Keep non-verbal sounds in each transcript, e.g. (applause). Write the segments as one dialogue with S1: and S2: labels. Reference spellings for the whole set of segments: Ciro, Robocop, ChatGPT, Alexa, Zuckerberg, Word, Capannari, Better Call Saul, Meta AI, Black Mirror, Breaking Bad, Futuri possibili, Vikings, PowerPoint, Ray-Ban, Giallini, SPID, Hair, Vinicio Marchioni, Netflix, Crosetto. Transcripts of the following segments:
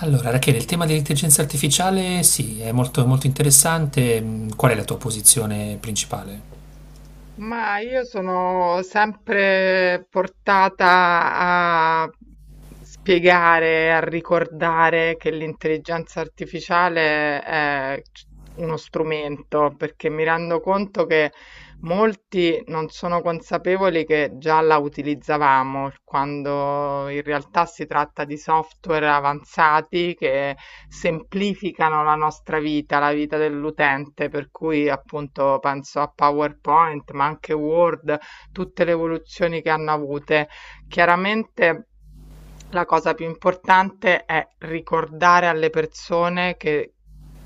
S1: Allora, Rachele, il tema dell'intelligenza artificiale sì, è molto, molto interessante. Qual è la tua posizione principale?
S2: Ma io sono sempre portata a spiegare, a ricordare che l'intelligenza artificiale è uno strumento, perché mi rendo conto che molti non sono consapevoli che già la utilizzavamo, quando in realtà si tratta di software avanzati che semplificano la nostra vita, la vita dell'utente, per cui appunto penso a PowerPoint, ma anche Word, tutte le evoluzioni che hanno avute. Chiaramente la cosa più importante è ricordare alle persone che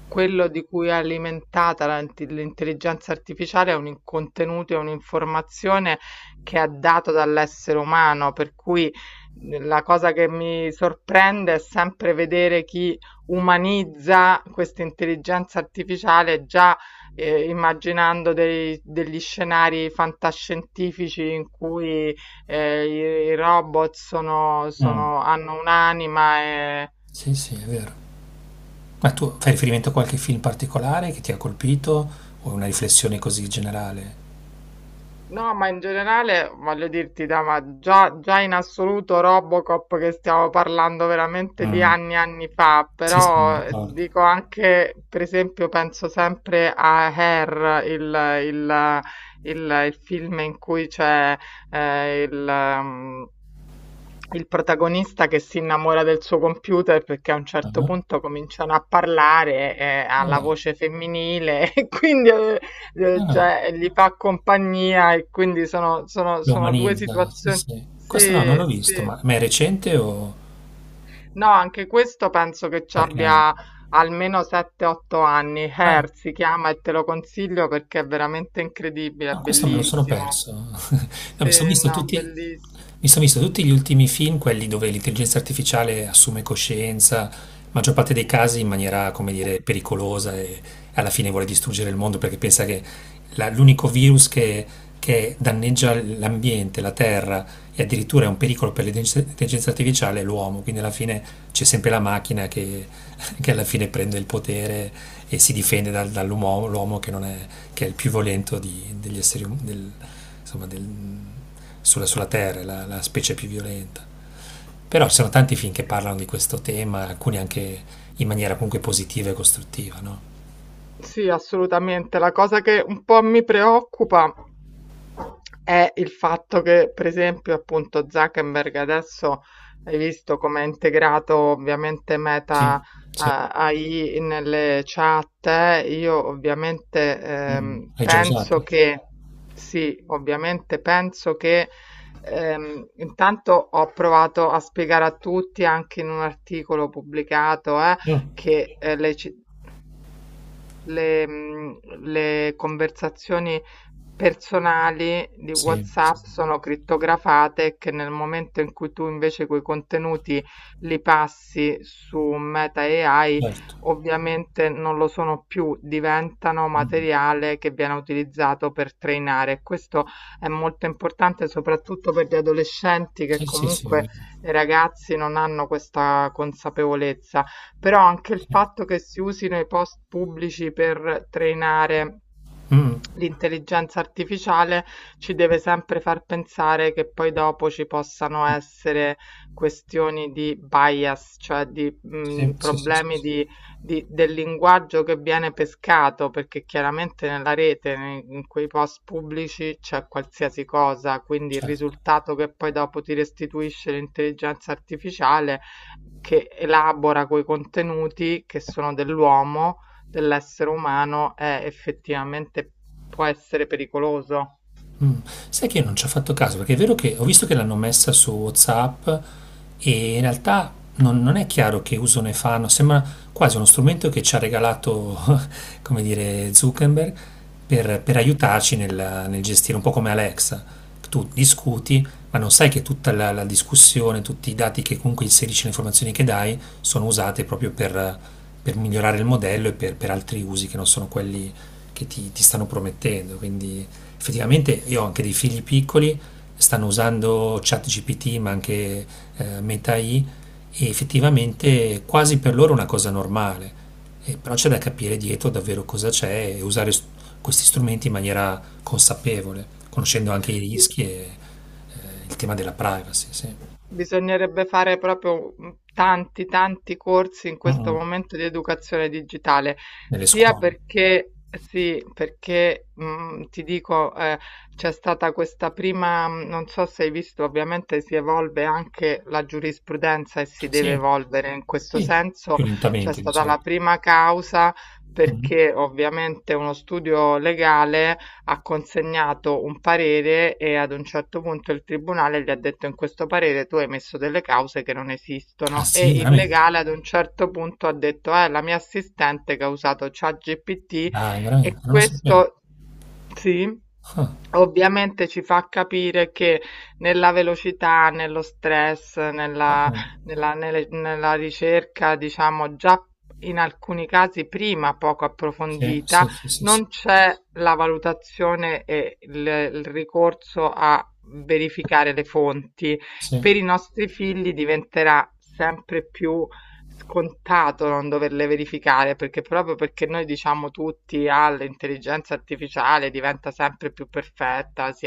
S2: quello di cui è alimentata l'intelligenza artificiale è contenuto, è un'informazione che è dato dall'essere umano, per cui la cosa che mi sorprende è sempre vedere chi umanizza questa intelligenza artificiale già, immaginando degli scenari fantascientifici in cui eh, i robot
S1: Mm.
S2: hanno un'anima e...
S1: Sì, sì, è vero. Ma tu fai riferimento a qualche film particolare che ti ha colpito o una riflessione così generale?
S2: No, ma in generale voglio dirti, ma già, già in assoluto Robocop, che stiamo parlando veramente di
S1: Mm.
S2: anni e anni fa,
S1: Sì, sì, mi
S2: però
S1: ricordo.
S2: dico anche, per esempio, penso sempre a Hair, il film in cui c'è eh, il... ehm, il protagonista che si innamora del suo computer perché a un certo
S1: Ah,
S2: punto cominciano a parlare, ha
S1: no,
S2: la
S1: dai.
S2: voce femminile (laughs) e quindi
S1: Ah, no.
S2: cioè, gli fa compagnia, e quindi sono, sono-
S1: Lo
S2: sono due
S1: umanizza, sì,
S2: situazioni.
S1: sì. Questo no, non
S2: Sì,
S1: l'ho visto,
S2: sì.
S1: ma è recente o
S2: No, anche questo penso che ci
S1: qualche anno?
S2: abbia almeno 7-8 anni.
S1: Ah,
S2: Hair si chiama, e te lo consiglio perché è veramente incredibile, è
S1: ah, questo me lo sono
S2: bellissimo.
S1: perso. No,
S2: Sì, no, bellissimo.
S1: mi son visto tutti gli ultimi film, quelli dove l'intelligenza artificiale assume coscienza, maggior parte dei casi in maniera, come dire, pericolosa e alla fine vuole distruggere il mondo perché pensa che l'unico virus che danneggia l'ambiente, la terra e addirittura è un pericolo per l'intelligenza artificiale l'uomo, quindi alla fine c'è sempre la macchina che, (laughs) che alla fine prende il potere e si difende dall'uomo, l'uomo che, non è, che è il più violento degli esseri insomma, sulla Terra, la specie più violenta. Però ci sono tanti film che parlano di questo tema, alcuni anche in maniera comunque positiva e costruttiva, no?
S2: Sì, assolutamente. La cosa che un po' mi preoccupa è il fatto che, per esempio, appunto Zuckerberg adesso, hai visto come ha integrato ovviamente Meta
S1: Sì, sì.
S2: AI nelle chat. Io ovviamente
S1: Mm. L'hai già
S2: penso
S1: usata?
S2: che sì, ovviamente penso che intanto ho provato a spiegare a tutti, anche in un articolo pubblicato,
S1: Io?
S2: che le ci- le, mhmm, le conversazioni personali di
S1: Sì, sì,
S2: WhatsApp sono crittografate, che nel momento in cui tu invece quei contenuti li passi su Meta AI,
S1: certo.
S2: ovviamente non lo sono più, diventano
S1: Mm.
S2: materiale che viene utilizzato per trainare. Questo è molto importante soprattutto per gli adolescenti, che
S1: Sì, sì, sì, è
S2: comunque
S1: vero.
S2: i ragazzi non hanno questa consapevolezza. Però anche il
S1: Sì.
S2: fatto che si usino i post pubblici per trainare
S1: Mh.
S2: l'intelligenza artificiale ci deve sempre far pensare che poi dopo ci possano essere questioni di bias, cioè di
S1: Sì, sì, sì, sì,
S2: problemi
S1: sì,
S2: del linguaggio che viene pescato, perché chiaramente nella rete, in quei post pubblici c'è qualsiasi cosa, quindi il
S1: certo.
S2: risultato che poi dopo ti restituisce l'intelligenza artificiale, che elabora quei contenuti che sono dell'uomo, dell'essere umano, è effettivamente, può essere pericoloso.
S1: Mm, sai che io non ci ho fatto caso, perché è vero che ho visto che l'hanno messa su WhatsApp e in realtà non è chiaro che uso ne fanno, sembra quasi uno strumento che ci ha regalato, (laughs) come dire, Zuckerberg per aiutarci nel gestire, un po' come Alexa. Tu discuti, ma non sai che tutta la discussione, tutti i dati che comunque inserisci, le informazioni che dai, sono usate proprio per migliorare il modello e per altri usi che non sono quelli che ti stanno promettendo. Quindi effettivamente io ho anche dei figli piccoli, stanno usando ChatGPT, ma anche Meta AI, e effettivamente quasi per loro è una cosa normale. Però c'è da capire dietro davvero cosa c'è e usare questi strumenti in maniera consapevole, conoscendo anche i
S2: Sì.
S1: rischi e il tema della privacy, sì.
S2: Bisognerebbe fare proprio tanti, tanti corsi in
S1: Mm,
S2: questo
S1: mm.
S2: momento di educazione digitale,
S1: Nelle
S2: sia
S1: scuole.
S2: perché sì, perché ti dico, c'è stata questa prima, non so se hai visto, ovviamente si evolve anche la giurisprudenza e si deve
S1: Sì,
S2: evolvere in questo
S1: sì, più
S2: senso, c'è
S1: lentamente di
S2: stata la
S1: solito.
S2: prima causa
S1: Mhm.
S2: perché ovviamente uno studio legale ha consegnato un parere, e ad un certo punto il tribunale gli ha detto, in questo parere tu hai messo delle cause che non
S1: Ah
S2: esistono, e
S1: sì,
S2: il
S1: veramente?
S2: legale ad un certo punto ha detto è la mia assistente che ha usato ChatGPT,
S1: Dai,
S2: e
S1: veramente, non lo sapevo.
S2: questo sì.
S1: Ah,
S2: Ovviamente ci fa capire che nella velocità, nello stress, nella,
S1: ok.
S2: nella- nelle- nella ricerca, diciamo già in alcuni casi prima poco
S1: Sì,
S2: approfondita,
S1: sì, sì, sì, sì.
S2: non c'è la valutazione e il ricorso a verificare le fonti.
S1: Sì.
S2: Per i nostri figli diventerà sempre più scontato non doverle verificare, perché, proprio perché noi diciamo tutti all'intelligenza artificiale, diventa sempre più perfetta, si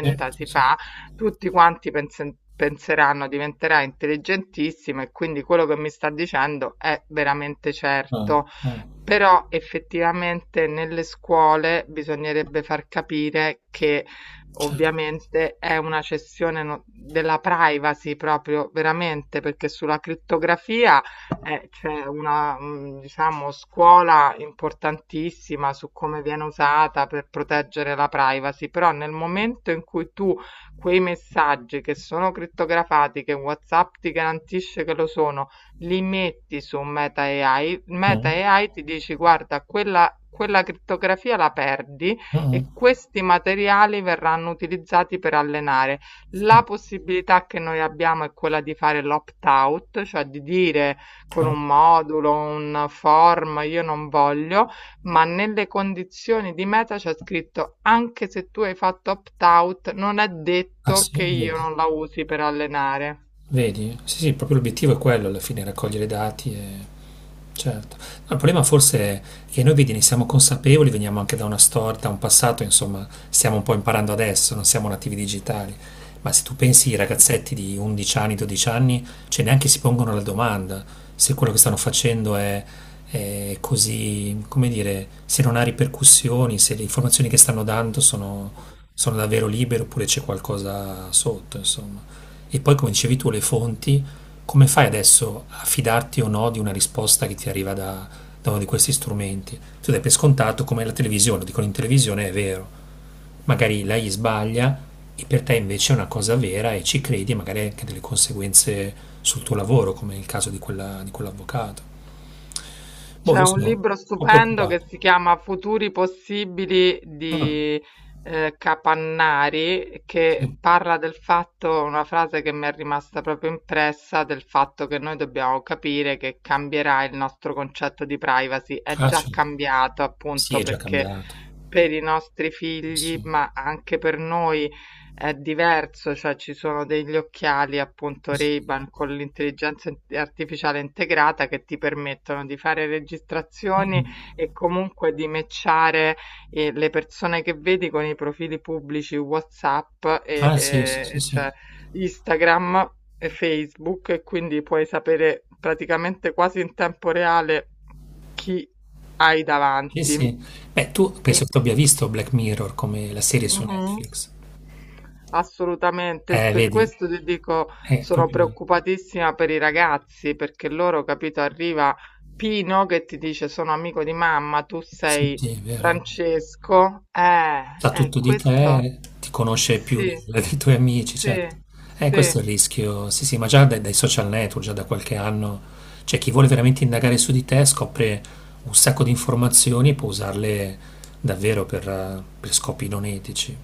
S1: Sì, sì,
S2: si
S1: sì.
S2: fa, tutti quanti penseranno diventerà intelligentissima e quindi quello che mi sta dicendo è veramente
S1: Mh,
S2: certo.
S1: mh.
S2: Però effettivamente nelle scuole bisognerebbe far capire che
S1: Certo.
S2: ovviamente è una cessione della privacy, proprio veramente, perché sulla crittografia c'è una, diciamo, scuola importantissima su come viene usata per proteggere la privacy, però nel momento in cui tu quei messaggi che sono crittografati, che WhatsApp ti garantisce che lo sono, li metti su MetaAI,
S1: Mh.
S2: MetaAI ti dici guarda, quella crittografia la perdi
S1: Mh-mh.
S2: e questi materiali verranno utilizzati per allenare.
S1: Mh.
S2: La possibilità che noi abbiamo è quella di fare l'opt-out, cioè di dire, con
S1: Ah.
S2: un modulo, un form, io non voglio, ma nelle condizioni di meta c'è scritto, anche se tu hai fatto opt-out, non è
S1: Ah
S2: detto
S1: sì?
S2: che io
S1: Vedi?
S2: non la usi per allenare.
S1: Vedi? Sì, sì, proprio l'obiettivo è quello alla fine, raccogliere dati e... Certo. No, il problema forse è che noi, vedi, ne siamo consapevoli, veniamo anche da una storia, da un passato, insomma, stiamo un po' imparando adesso, non siamo nativi digitali. Ma se tu pensi ai ragazzetti di 11 anni, 12 anni, cioè neanche si pongono la domanda se quello che stanno facendo è così, come dire, se non ha ripercussioni, se le informazioni che stanno dando sono, sono davvero libere oppure c'è qualcosa sotto, insomma. E poi, come dicevi tu, le fonti, come fai adesso a fidarti o no di una risposta che ti arriva da uno di questi strumenti? Tu dai per scontato come la televisione, lo dicono in televisione, è vero. Magari lei sbaglia e per te invece è una cosa vera e ci credi e magari hai anche delle conseguenze sul tuo lavoro, come nel caso di di quell'avvocato. Boh,
S2: C'è
S1: io
S2: un
S1: sono un
S2: libro
S1: po'
S2: stupendo che
S1: preoccupato.
S2: si chiama Futuri possibili di Capannari, che
S1: Sì.
S2: parla del fatto, una frase che mi è rimasta proprio impressa, del fatto che noi dobbiamo capire che cambierà il nostro concetto di privacy. È
S1: Ah,
S2: già
S1: cioè,
S2: cambiato
S1: sì,
S2: appunto,
S1: è già
S2: perché
S1: cambiato.
S2: per i nostri figli, ma anche per noi, è diverso, cioè ci sono degli occhiali, appunto Ray-Ban, con l'intelligenza artificiale integrata, che ti permettono di fare registrazioni, e comunque di matchare le persone che vedi con i profili pubblici WhatsApp
S1: Ah, sì, sì, sì,
S2: e
S1: sì.
S2: cioè Instagram e Facebook, e quindi puoi sapere praticamente quasi in tempo reale chi hai
S1: Sì,
S2: davanti.
S1: sì. Beh, tu
S2: E
S1: penso che tu abbia visto Black Mirror come la serie su
S2: Mhm.
S1: Netflix.
S2: Assolutamente, per
S1: Vedi,
S2: questo ti dico,
S1: è
S2: sono
S1: proprio...
S2: preoccupatissima per i ragazzi, perché loro, capito, arriva Pino che ti dice sono amico di mamma, tu
S1: Sì,
S2: sei
S1: sì, è vero. È vero.
S2: Francesco.
S1: Sa tutto di
S2: Questo
S1: te, ti conosce più
S2: sì,
S1: dei tuoi amici,
S2: sì,
S1: certo. Questo è
S2: sì.
S1: il rischio. Sì, sì, ma già dai, dai social network, già da qualche anno, cioè chi vuole veramente indagare su di te scopre un sacco di informazioni e può usarle davvero per scopi non etici.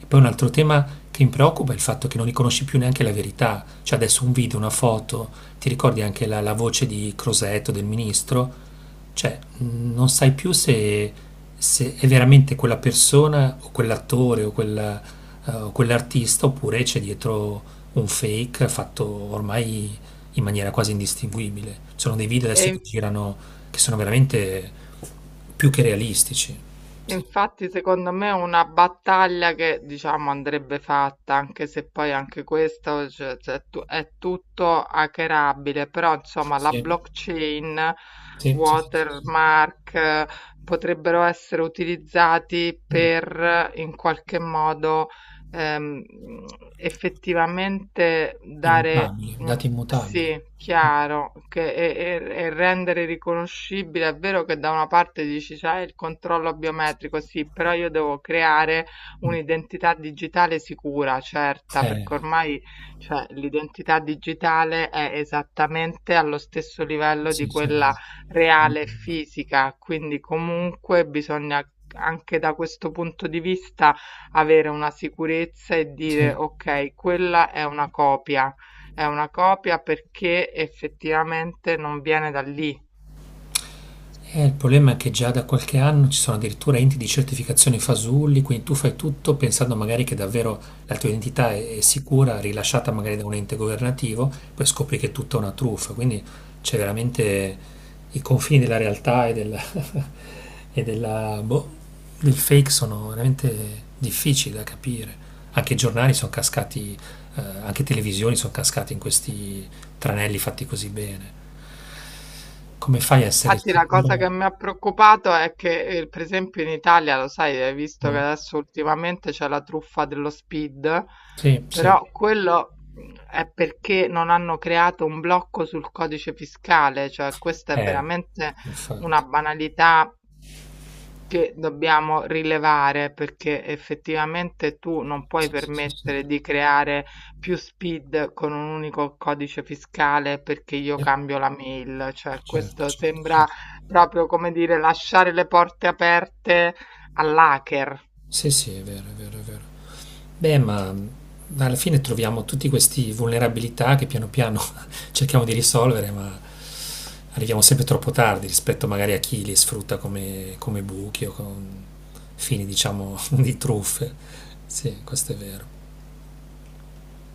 S1: E poi un altro tema che mi preoccupa è il fatto che non riconosci più neanche la verità. Cioè adesso un video, una foto, ti ricordi anche la voce di Crosetto, del ministro? Cioè non sai più se è veramente quella persona o quell'attore o o quell'artista oppure c'è dietro un fake fatto ormai in maniera quasi indistinguibile. Ci sono dei video
S2: E,
S1: adesso che
S2: in-
S1: girano che sono veramente più che realistici. Sì.
S2: Infatti, secondo me è una battaglia che, diciamo, andrebbe fatta, anche se poi anche questo, cioè, è tutto hackerabile, però insomma la blockchain, watermark, potrebbero essere utilizzati per, in qualche modo, ehm, effettivamente dare un, sì, chiaro, che e rendere riconoscibile. È vero che da una parte dici c'è il controllo biometrico, sì, però io devo creare un'identità digitale sicura, certa, perché ormai, cioè, l'identità digitale è esattamente allo stesso livello di quella reale e fisica, quindi comunque bisogna anche da questo punto di vista avere una sicurezza e dire ok, quella è una copia. È una copia perché effettivamente non viene da lì.
S1: Il problema è che già da qualche anno ci sono addirittura enti di certificazione fasulli, quindi tu fai tutto pensando magari che davvero la tua identità è sicura, rilasciata magari da un ente governativo, poi scopri che è tutta una truffa, quindi c'è veramente i confini della realtà e della, (laughs) e della, boh, del fake sono veramente difficili da capire. Anche i giornali sono cascati, anche televisioni sono cascati in questi tranelli fatti così bene. Come fai a essere
S2: Infatti la
S1: sicuro?
S2: cosa che mi ha preoccupato è che, per esempio, in Italia, lo sai, hai visto che adesso ultimamente c'è la truffa dello Speed, però quello è perché non hanno creato un blocco sul codice fiscale, cioè questa è
S1: Eh,
S2: veramente una banalità che dobbiamo rilevare, perché effettivamente tu non puoi permettere di creare più SPID con un unico codice fiscale perché io cambio la mail, cioè questo sembra proprio, come dire, lasciare le porte aperte all'hacker.
S1: sì, sì, è vero, è vero, è vero. Beh, ma alla fine troviamo tutti questi vulnerabilità che piano piano (laughs) cerchiamo di risolvere, ma arriviamo sempre troppo tardi rispetto magari a chi li sfrutta come buchi o con fini, diciamo, (laughs) di truffe. Sì, questo è vero.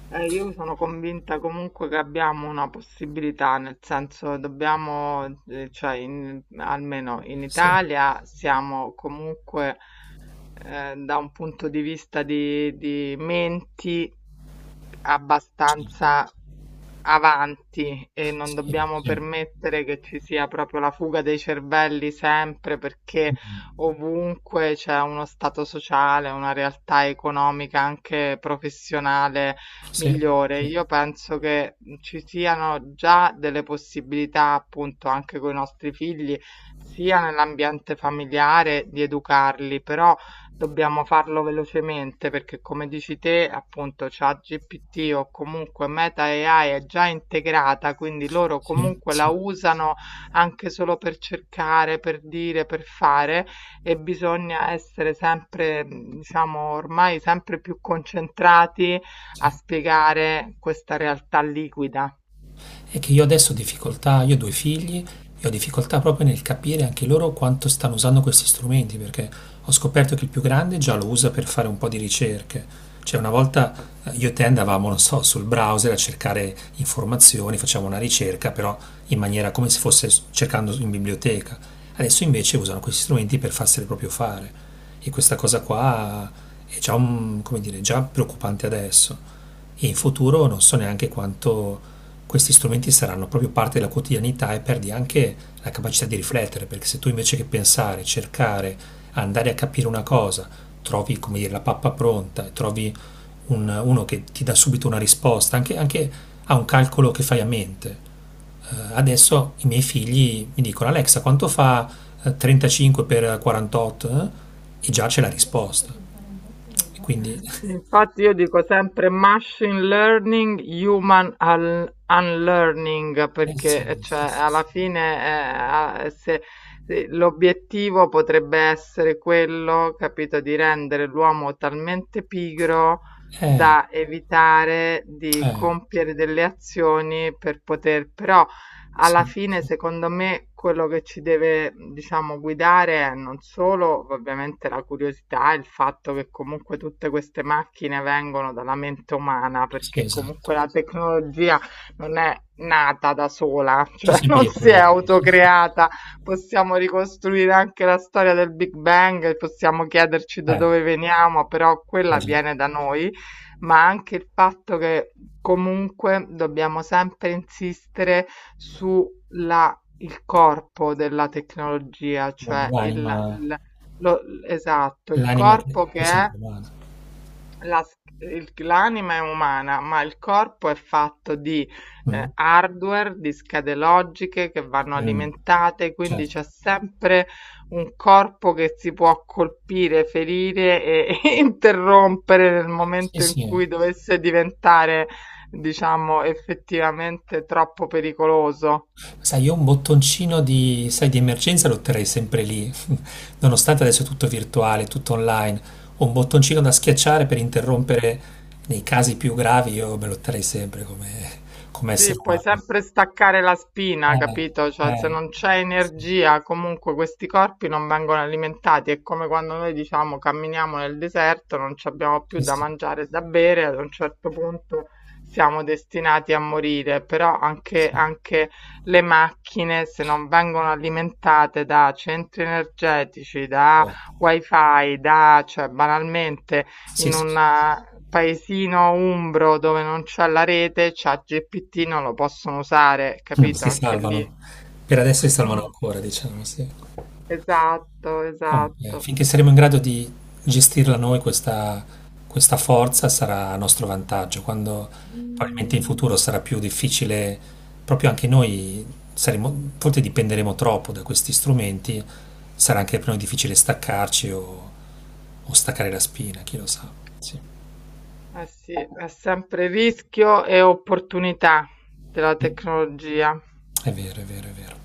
S2: Io sono convinta comunque che abbiamo una possibilità, nel senso dobbiamo, almeno in Italia siamo comunque, da un punto di vista di menti, abbastanza avanti, e non dobbiamo permettere che ci sia proprio la fuga dei cervelli, sempre perché ovunque c'è uno stato sociale, una realtà economica, anche professionale, migliore. Io penso che ci siano già delle possibilità, appunto, anche con i nostri figli, sia nell'ambiente familiare, di educarli, però dobbiamo farlo velocemente, perché come dici te, appunto, ChatGPT, o comunque Meta AI, è già integrata, quindi loro comunque la usano anche solo per cercare, per dire, per fare, e bisogna essere sempre, diciamo, ormai sempre più concentrati a spiegare questa realtà liquida.
S1: È che io adesso ho difficoltà, io ho due figli e ho difficoltà proprio nel capire anche loro quanto stanno usando questi strumenti, perché ho scoperto che il più grande già lo usa per fare un po' di ricerche. Cioè una volta io e te andavamo, non so, sul browser a cercare informazioni, facciamo una ricerca, però in maniera come se fosse cercando in biblioteca. Adesso invece usano questi strumenti per farseli proprio fare. E questa cosa qua è già, come dire, già preoccupante adesso. E in futuro non so neanche quanto questi strumenti saranno proprio parte della quotidianità e perdi anche la capacità di riflettere, perché se tu invece che pensare, cercare, andare a capire una cosa, trovi come dire, la pappa pronta, trovi uno che ti dà subito una risposta, anche, anche a un calcolo che fai a mente. Adesso i miei figli mi dicono Alexa quanto fa 35 per 48? Eh? E già c'è la risposta. E quindi
S2: Infatti io dico sempre machine learning, human unlearning, perché cioè, alla fine, a- eh, se- l'obiettivo potrebbe essere quello, capito, di rendere l'uomo talmente pigro da evitare di compiere delle azioni, per poter, però, alla fine, secondo me, quello che ci deve, diciamo, guidare è, non solo ovviamente la curiosità, il fatto che comunque tutte queste macchine vengono dalla mente umana, perché comunque la tecnologia non è nata da sola, (laughs) cioè non si è autocreata. Possiamo ricostruire anche la storia del Big Bang, possiamo chiederci da dove veniamo, però quella viene da noi, ma anche il fatto che comunque dobbiamo sempre insistere sulla, il corpo della tecnologia, cioè il- lo- esatto, il corpo che
S1: è sempre
S2: è
S1: male.
S2: la, s il l'anima è umana, ma il corpo è fatto di, hardware, di schede logiche che vanno alimentate, quindi c'è sempre un corpo che si può colpire, ferire, e (laughs) e interrompere nel momento in cui dovesse diventare, diciamo, effettivamente troppo pericoloso.
S1: Sai, io un bottoncino di, sai, di emergenza lo terrei sempre lì, (laughs) nonostante adesso è tutto virtuale, tutto online. Ho un bottoncino da schiacciare per interrompere nei casi più gravi, io me lo terrei sempre come,
S2: Sì,
S1: essere
S2: puoi
S1: umano.
S2: sempre staccare la spina, capito? Cioè, se non c'è energia, comunque questi corpi non vengono alimentati. È come quando noi diciamo camminiamo nel deserto, non ci abbiamo più da mangiare e da bere, ad un certo punto siamo destinati a morire. Però anche le macchine, se non vengono alimentate da centri energetici, da wifi, cioè, banalmente
S1: Sì,
S2: in
S1: sì,
S2: un
S1: sì.
S2: paesino umbro dove non c'ha la rete, c'ha GPT, non lo possono usare,
S1: Mm.
S2: capito?
S1: Si
S2: Anche lì.
S1: salvano. Per adesso si salvano
S2: Mm,
S1: ancora, diciamo, sì.
S2: esatto,
S1: Ok,
S2: esatto.
S1: finché saremo in grado di gestirla noi questa forza sarà a nostro vantaggio, quando probabilmente in
S2: Mm,
S1: futuro sarà più difficile, proprio anche noi saremo, forse dipenderemo troppo da questi strumenti, sarà anche per noi difficile staccarci o staccare la spina, chi lo sa.
S2: Eh sì, è sempre rischio e opportunità della tecnologia.
S1: È vero, è vero, è vero.